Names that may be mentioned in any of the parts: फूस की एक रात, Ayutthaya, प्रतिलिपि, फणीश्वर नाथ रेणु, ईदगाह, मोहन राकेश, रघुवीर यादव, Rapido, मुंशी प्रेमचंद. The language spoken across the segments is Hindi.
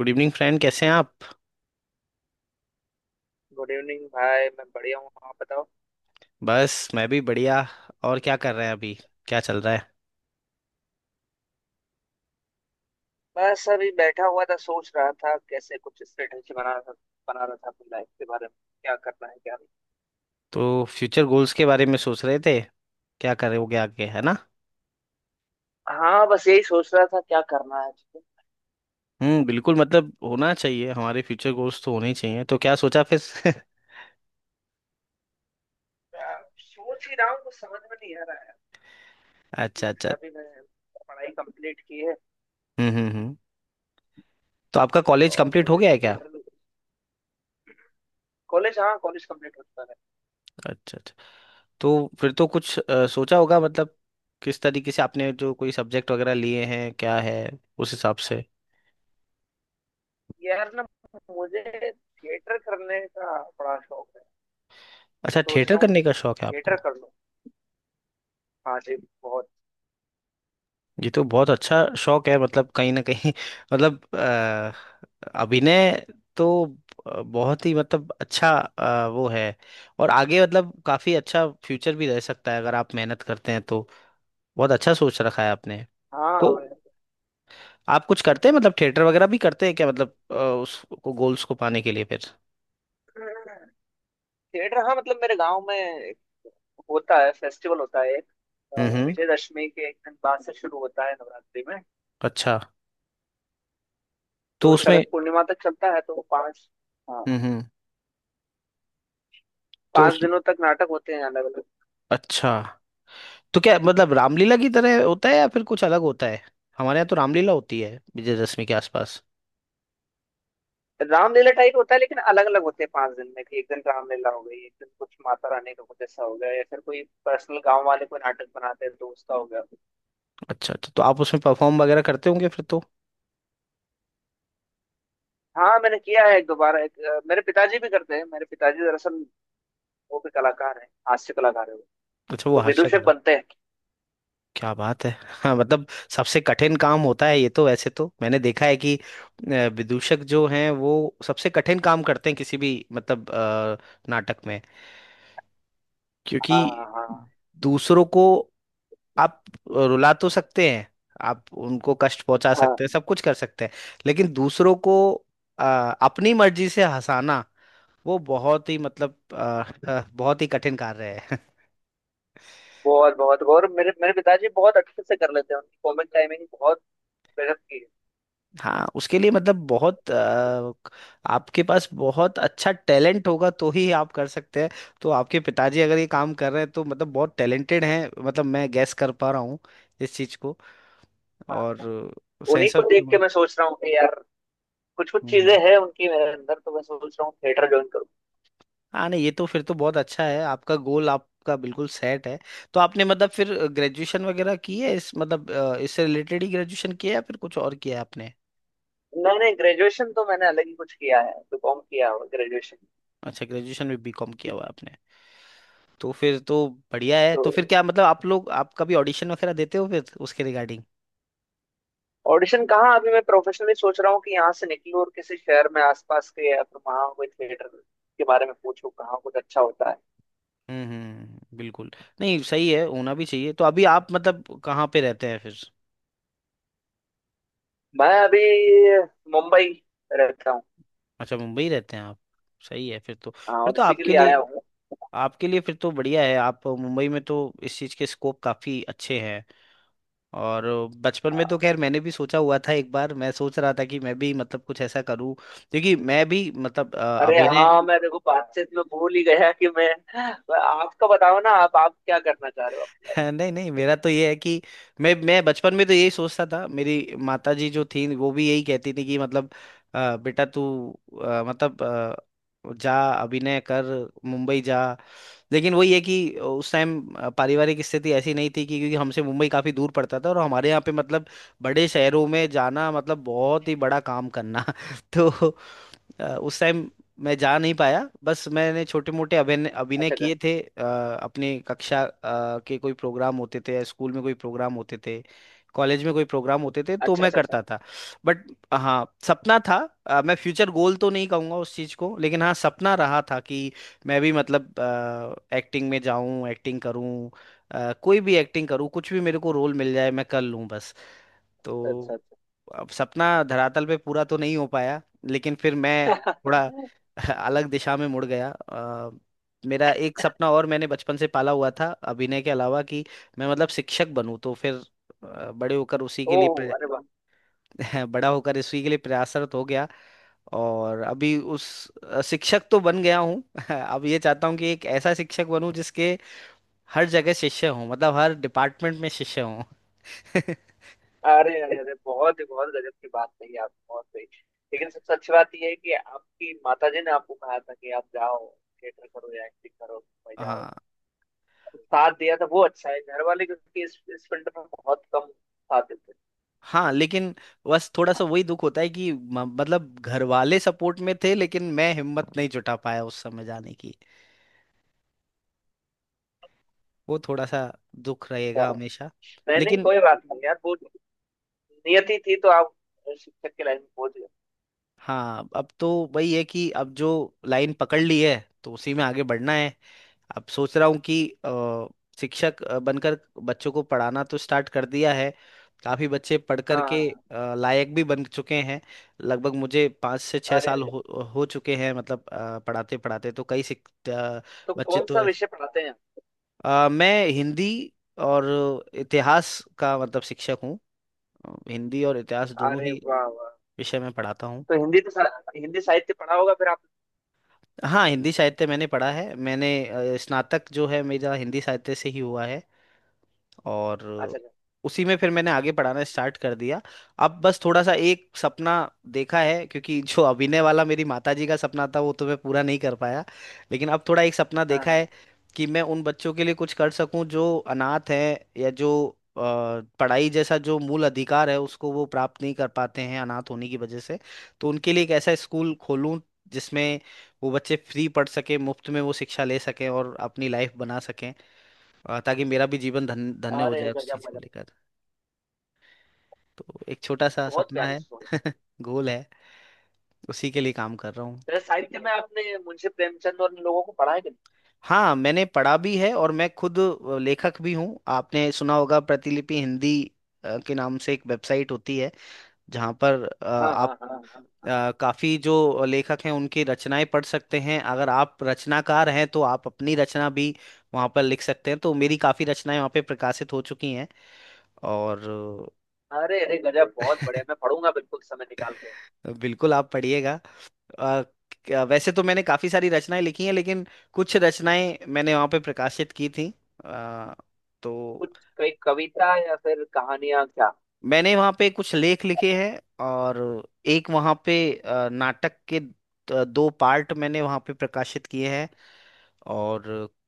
Good evening friend. कैसे हैं आप? गुड इवनिंग भाई, मैं बढ़िया हूँ। आप बताओ। बस मैं भी बढ़िया। और क्या कर रहे हैं अभी? क्या चल रहा है? बस अभी बैठा हुआ था, सोच रहा था कैसे कुछ स्ट्रेटजी बना रहा था अपनी लाइफ के बारे में। क्या करना है क्या नहीं। तो फ्यूचर गोल्स के बारे में सोच रहे थे, क्या करोगे आगे, है ना? हाँ, बस यही सोच रहा था क्या करना है ठीक है। हम्म, बिल्कुल, मतलब होना चाहिए, हमारे फ्यूचर गोल्स तो होने ही चाहिए। तो क्या सोचा फिर? सोच ही रहा हूँ, कुछ समझ में नहीं आ रहा है अच्छा ठीक से अच्छा। अभी। मैं पढ़ाई कंप्लीट की है, हम्म। तो आपका कॉलेज तो कंप्लीट हो मुझे गया है क्या? थिएटर। कॉलेज हाँ, कॉलेज कंप्लीट हो चुका है। अच्छा अच्छा। तो फिर तो कुछ सोचा होगा, मतलब किस तरीके से आपने जो कोई सब्जेक्ट वगैरह लिए हैं, क्या है उस हिसाब से। यार ना, मुझे थिएटर करने का बड़ा शौक है। तो अच्छा, सोच थिएटर रहा हूँ करने का शौक है थिएटर आपको। कर लूँ। हाँ जी, बहुत। ये तो बहुत अच्छा शौक है, मतलब कहीं ना कहीं मतलब अभिनय तो बहुत ही मतलब अच्छा वो है। और आगे मतलब काफी अच्छा फ्यूचर भी रह सकता है अगर आप मेहनत करते हैं तो। बहुत अच्छा सोच रखा है आपने। तो हाँ, आप कुछ करते हैं मतलब थिएटर वगैरह भी करते हैं क्या, मतलब उसको गोल्स को पाने के लिए फिर? थिएटर। हाँ, मतलब मेरे गांव में एक होता है, फेस्टिवल होता है एक, अ, हम्म। विजयदशमी के एक दिन बाद से शुरू होता है नवरात्रि में। अच्छा। तो तो शरद उसमें। पूर्णिमा तक चलता है, तो पांच। हाँ, हम्म। तो उस। पांच दिनों तक नाटक होते हैं अलग अलग। अच्छा, तो क्या मतलब रामलीला की तरह होता है या फिर कुछ अलग होता है? हमारे यहाँ तो रामलीला होती है विजयदशमी के आसपास। रामलीला टाइप होता है लेकिन अलग अलग होते हैं पांच दिन में, कि एक दिन रामलीला हो गई, एक दिन कुछ माता रानी का कुछ ऐसा हो गया, या फिर कोई पर्सनल गांव वाले कोई नाटक बनाते हैं, दोस्त का हो गया। अच्छा अच्छा, तो आप उसमें परफॉर्म वगैरह करते होंगे फिर तो। हाँ, मैंने किया है एक, दोबारा एक, मेरे पिताजी भी करते हैं। मेरे पिताजी दरअसल वो भी कलाकार हैं, हास्य कलाकार है वो, अच्छा, वो तो हास्य विदूषक कला। बनते हैं। क्या बात है। हाँ मतलब सबसे कठिन काम होता है ये, तो वैसे तो मैंने देखा है कि विदूषक जो हैं वो सबसे कठिन काम करते हैं किसी भी मतलब नाटक में, क्योंकि हाँ हाँ दूसरों को आप रुला तो सकते हैं, आप उनको कष्ट पहुंचा सकते हैं, हाँ। सब कुछ कर सकते हैं, लेकिन दूसरों को अ, अपनी मर्जी से हंसाना वो बहुत ही मतलब बहुत ही कठिन कार्य है। बहुत बहुत, और मेरे मेरे पिताजी बहुत अच्छे से कर लेते हैं, उनकी कॉमिक टाइमिंग बहुत गजब की है। हाँ, उसके लिए मतलब बहुत आपके पास बहुत अच्छा टैलेंट होगा तो ही आप कर सकते हैं। तो आपके पिताजी अगर ये काम कर रहे हैं तो मतलब बहुत टैलेंटेड हैं, मतलब मैं गैस कर पा रहा हूँ इस चीज को। हाँ, और उन्हीं सेंस को ऑफ देख के ह्यूमर। मैं सोच रहा हूँ कि यार कुछ कुछ हम्म। चीजें हैं उनकी मेरे अंदर, तो मैं सोच रहा हूँ थिएटर ज्वाइन करूँ। हाँ, नहीं, ये तो फिर तो बहुत अच्छा है, आपका गोल आपका बिल्कुल सेट है। तो आपने मतलब फिर ग्रेजुएशन वगैरह की है इस मतलब इससे रिलेटेड ही ग्रेजुएशन किया है या फिर कुछ और किया है आपने? मैंने ग्रेजुएशन तो मैंने अलग ही कुछ किया है, बीकॉम किया हुआ ग्रेजुएशन। अच्छा, ग्रेजुएशन में बीकॉम किया हुआ है आपने। तो फिर तो बढ़िया है। तो तो फिर क्या मतलब आप लोग, आप कभी ऑडिशन वगैरह देते हो फिर उसके रिगार्डिंग? ऑडिशन कहाँ, अभी मैं प्रोफेशनली सोच रहा हूँ कि यहाँ से निकलूँ और किसी शहर में आसपास के या फिर वहाँ कोई थिएटर के बारे में पूछूँ कहाँ कुछ अच्छा होता है। बिल्कुल। नहीं सही है, होना भी चाहिए। तो अभी आप मतलब कहाँ पे रहते हैं फिर? मैं अभी मुंबई रहता हूँ। अच्छा, मुंबई रहते हैं आप। सही है, हाँ, फिर और तो इसी के आपके लिए आया लिए, हूँ। आपके लिए फिर तो बढ़िया है, आप मुंबई में तो इस चीज़ के स्कोप काफ़ी अच्छे हैं। और बचपन में तो हाँ। खैर मैंने भी सोचा हुआ था, एक बार मैं सोच रहा था कि मैं भी मतलब कुछ ऐसा करूं, क्योंकि मैं भी मतलब अरे अभिनय। हाँ, मैं देखो बातचीत में भूल ही गया कि मैं। आपका बताओ ना, आप क्या करना चाह रहे हो अपनी लाइफ। हाँ, नहीं नहीं, मेरा तो ये है कि मैं बचपन में तो यही सोचता था, मेरी माता जी जो थी वो भी यही कहती थी कि मतलब, बेटा तू मतलब जा, अभिनय कर, मुंबई जा।" लेकिन वही है कि उस टाइम पारिवारिक स्थिति ऐसी नहीं थी कि, क्योंकि हमसे मुंबई काफी दूर पड़ता था और हमारे यहाँ पे मतलब बड़े शहरों में जाना मतलब बहुत ही बड़ा काम करना। तो उस टाइम मैं जा नहीं पाया। बस मैंने छोटे मोटे अभिनय अभिनय अच्छा कर। किए थे अपने कक्षा के कोई प्रोग्राम होते थे या स्कूल में कोई प्रोग्राम होते थे, कॉलेज में कोई प्रोग्राम होते थे तो अच्छा मैं अच्छा अच्छा। करता था। बट हाँ, सपना था। मैं फ्यूचर गोल तो नहीं कहूँगा उस चीज़ को, लेकिन हाँ सपना रहा था कि मैं भी मतलब एक्टिंग में जाऊँ, एक्टिंग करूँ, कोई भी एक्टिंग करूँ, कुछ भी मेरे को रोल मिल जाए, मैं कर लूँ बस। तो अच्छा अच्छा अब सपना धरातल पे पूरा तो नहीं हो पाया, लेकिन फिर मैं अच्छा। थोड़ा अलग दिशा में मुड़ गया। मेरा एक सपना और मैंने बचपन से पाला हुआ था अभिनय के अलावा, कि मैं मतलब शिक्षक बनूं। तो फिर बड़े होकर उसी के लिए ओह अरे वाह। बड़ा होकर उसी के लिए प्रयासरत हो गया। और अभी उस शिक्षक तो बन गया हूँ। अब ये चाहता हूँ कि एक ऐसा शिक्षक बनूं जिसके हर जगह शिष्य हों, मतलब हर डिपार्टमेंट में शिष्य हों। अरे अरे अरे, बहुत ही बहुत गजब की बात कही आप, बहुत सही। लेकिन सबसे अच्छी बात यह है कि आपकी माताजी ने आपको कहा था कि आप जाओ थिएटर करो या एक्टिंग करो, भाई जाओ, हाँ साथ दिया था वो। अच्छा है घर वाले, क्योंकि इस फील्ड में बहुत कम साथ देते हाँ। लेकिन बस थोड़ा हैं। सा वही दुख होता है कि मतलब घर वाले सपोर्ट में थे लेकिन मैं हिम्मत नहीं जुटा पाया उस समय जाने की। वो थोड़ा सा दुख रहेगा अच्छा। हमेशा। नहीं नहीं, लेकिन कोई बात नहीं यार, वो नियति थी, तो आप शिक्षक की लाइन में पहुंच गए। हाँ, अब तो वही है कि अब जो लाइन पकड़ ली है तो उसी में आगे बढ़ना है। अब सोच रहा हूँ कि शिक्षक बनकर बच्चों को पढ़ाना तो स्टार्ट कर दिया है। काफी बच्चे पढ़ हाँ करके हाँ। लायक भी बन चुके हैं। लगभग मुझे पाँच से छः अरे साल अरे, हो चुके हैं मतलब पढ़ाते पढ़ाते। तो कई तो बच्चे कौन तो सा विषय पढ़ाते हैं आप? मैं हिंदी और इतिहास का मतलब शिक्षक हूँ। हिंदी और इतिहास दोनों अरे ही वाह वाह। विषय में पढ़ाता हूँ। तो हिंदी तो हिंदी साहित्य पढ़ा होगा फिर आप। हाँ, हिंदी साहित्य मैंने पढ़ा है। मैंने स्नातक जो है मेरा हिंदी साहित्य से ही हुआ है, और अच्छा अच्छा। उसी में फिर मैंने आगे पढ़ाना स्टार्ट कर दिया। अब बस थोड़ा सा एक सपना देखा है, क्योंकि जो अभिनय वाला मेरी माताजी का सपना था वो तो मैं पूरा नहीं कर पाया, लेकिन अब थोड़ा एक सपना हाँ देखा हाँ। है कि मैं उन बच्चों के लिए कुछ कर सकूं जो अनाथ हैं या जो अ, पढ़ाई जैसा जो मूल अधिकार है उसको वो प्राप्त नहीं कर पाते हैं अनाथ होने की वजह से। तो उनके लिए एक ऐसा स्कूल खोलूं जिसमें वो बच्चे फ्री पढ़ सके, मुफ्त में वो शिक्षा ले सकें और अपनी लाइफ बना सकें, ताकि मेरा भी जीवन धन्य हो अरे जाए उस गजब चीज को गजब। लेकर। तो एक छोटा सा बहुत सपना प्यारी है। सोच। गोल है, उसी के लिए काम कर रहा हूँ। फिर साहित्य में आपने मुंशी प्रेमचंद और इन लोगों को पढ़ा है कि नहीं। हाँ, मैंने पढ़ा भी है और मैं खुद लेखक भी हूँ। आपने सुना होगा प्रतिलिपि हिंदी के नाम से एक वेबसाइट होती है, जहाँ पर हाँ आप हाँ हाँ हाँ। काफी जो लेखक हैं उनकी रचनाएं पढ़ सकते हैं। अगर आप रचनाकार हैं तो आप अपनी रचना भी वहाँ पर लिख सकते हैं। तो मेरी काफी रचनाएं वहाँ पे प्रकाशित हो चुकी हैं और अरे अरे गजब, बहुत बढ़िया, मैं पढ़ूंगा बिल्कुल समय निकाल के। बिल्कुल आप पढ़िएगा। अ, वैसे तो मैंने काफ़ी सारी रचनाएं लिखी हैं लेकिन कुछ रचनाएं मैंने वहाँ पे प्रकाशित की थी। अ, तो कुछ कोई कविता या फिर कहानियां क्या। मैंने वहाँ पे कुछ लेख लिखे हैं, और एक वहाँ पे नाटक के दो पार्ट मैंने वहाँ पे प्रकाशित किए हैं, और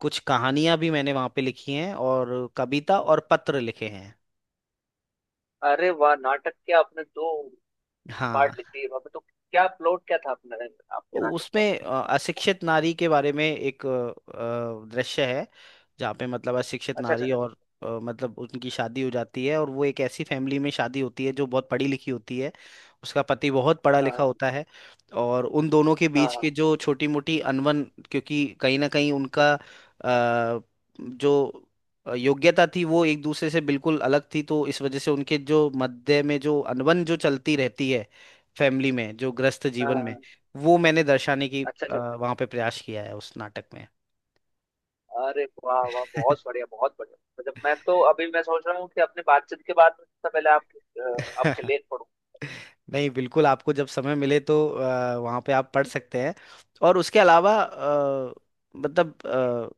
कुछ कहानियां भी मैंने वहाँ पे लिखी हैं, और कविता और पत्र लिखे हैं। अरे वाह, नाटक के आपने दो हाँ, पार्ट लिख दिए बाबा, तो क्या प्लॉट क्या था अपने, आपके नाटक उसमें का। अशिक्षित नारी के बारे में एक दृश्य है, जहाँ पे मतलब अशिक्षित अच्छा अच्छा नारी अच्छा। और मतलब उनकी शादी हो जाती है, और वो एक ऐसी फैमिली में शादी होती है जो बहुत पढ़ी लिखी होती है। उसका पति बहुत पढ़ा लिखा हाँ होता है, और उन दोनों के हाँ बीच के हाँ जो छोटी मोटी अनबन, क्योंकि कहीं ना कहीं उनका जो योग्यता थी वो एक दूसरे से बिल्कुल अलग थी, तो इस वजह से उनके जो मध्य में जो अनबन जो चलती रहती है फैमिली में, जो ग्रस्त हाँ जीवन हाँ, में, हाँ। वो मैंने दर्शाने की अच्छा अच्छा। वहां पे प्रयास किया है उस नाटक में। अरे वाह वाह, बहुत बढ़िया बहुत बढ़िया। मतलब मैं तो अभी मैं सोच रहा हूँ कि अपने बातचीत के बाद सबसे पहले आपके, आपके लेख पढ़ूं। नहीं, बिल्कुल, आपको जब समय मिले तो वहां पे आप पढ़ सकते हैं। और उसके अलावा मतलब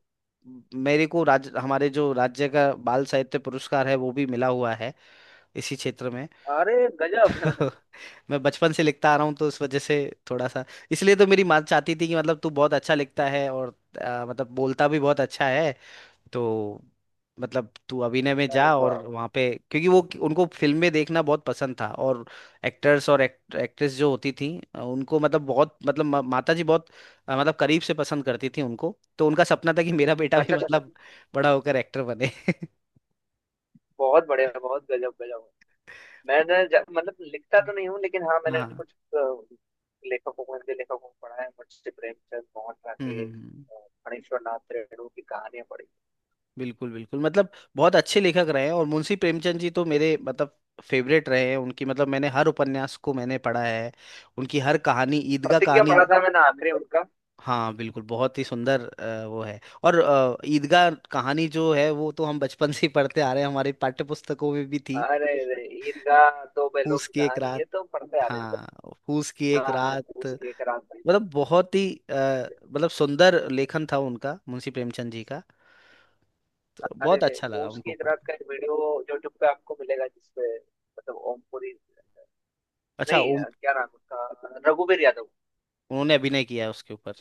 मेरे को राज्य, हमारे जो राज्य का बाल साहित्य पुरस्कार है वो भी मिला हुआ है इसी क्षेत्र में। अरे गजब। मैं बचपन से लिखता आ रहा हूँ तो उस वजह से थोड़ा सा। इसलिए तो मेरी माँ चाहती थी कि मतलब तू बहुत अच्छा लिखता है, और मतलब बोलता भी बहुत अच्छा है, तो मतलब तू अभिनय में अरे जा। वाह और वाह। वहाँ पे, क्योंकि वो, उनको फिल्म में देखना बहुत पसंद था, और एक्टर्स और एक्ट्रेस जो होती थी उनको मतलब बहुत, मतलब माता जी बहुत मतलब करीब से पसंद करती थी उनको। तो उनका सपना था कि मेरा बेटा भी अच्छा अच्छा अच्छा। मतलब बड़ा होकर एक्टर बने। बहुत बढ़िया, बहुत गजब गजब। मैंने मतलब लिखता तो नहीं हूँ लेकिन हाँ, मैंने हाँ। कुछ, लेखकों को, हिंदी लेखकों को पढ़ा है, मुंशी प्रेमचंद, मोहन हम्म राकेश, हम्म, हम्म, फणीश्वर नाथ रेणु की कहानियां पढ़ी। बिल्कुल बिल्कुल, मतलब बहुत अच्छे लेखक रहे हैं। और मुंशी प्रेमचंद जी तो मेरे मतलब फेवरेट रहे हैं। उनकी मतलब मैंने हर उपन्यास को मैंने पढ़ा है, उनकी हर कहानी, ईदगाह प्रतिज्ञा कहानी। पढ़ा था मैंने आखिरी उनका। हाँ बिल्कुल, बहुत ही सुंदर वो है। और ईदगाह कहानी जो है वो तो हम बचपन से ही पढ़ते आ रहे हैं, हमारी पाठ्य पुस्तकों में भी थी। अरे रे, ईदगाह, दो बैलों फूस की की एक कहानी, ये रात। तो पढ़ते आ रहे थे। हाँ, फूस की एक हाँ, रात, उसके एक रात मतलब बहुत ही अ, में। मतलब सुंदर लेखन था उनका, मुंशी प्रेमचंद जी का। तो अरे, बहुत अच्छा वो लगा उनको उसकी रात पढ़कर। का एक वीडियो यूट्यूब पे आपको मिलेगा, जिसपे मतलब ओमपुरी, अच्छा, नहीं ओम। है, क्या नाम उसका, रघुवीर यादव। उन्होंने अभिनय किया है उसके ऊपर।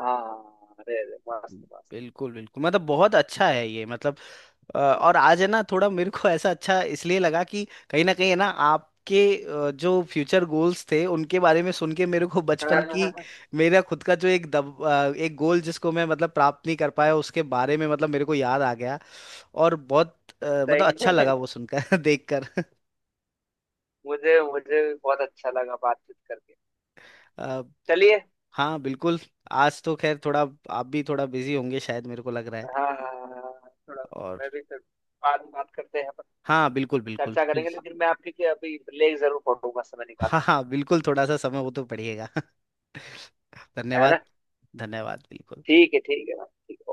हाँ, अरे अरे, मस्त मस्त। बिल्कुल बिल्कुल, मतलब बहुत अच्छा है ये मतलब। और आज है ना थोड़ा मेरे को ऐसा अच्छा इसलिए लगा कि कहीं ना कहीं है ना आपके जो फ्यूचर गोल्स थे उनके बारे में सुन के मेरे को बचपन की, हाँ, मेरा खुद का जो एक एक गोल जिसको मैं मतलब प्राप्त नहीं कर पाया उसके बारे में मतलब मेरे को याद आ गया। और बहुत मतलब सही अच्छा है, लगा वो सुनकर देखकर। मुझे मुझे भी बहुत अच्छा लगा बातचीत करके। अ, चलिए। हाँ बिल्कुल। आज तो खैर थोड़ा आप भी थोड़ा बिजी होंगे शायद, मेरे को लग रहा है। हाँ हाँ, हाँ, हाँ, थोड़ा। और मैं भी फिर बाद में बात करते हैं अपन, हाँ बिल्कुल बिल्कुल। चर्चा करेंगे। लेकिन मैं आपके लिए अभी ब्रेक जरूर पढ़ूंगा समय निकाल हाँ के, हाँ बिल्कुल, थोड़ा सा समय वो तो पड़ेगा। है ना। धन्यवाद। धन्यवाद बिल्कुल। ठीक है भाई, ठीक है।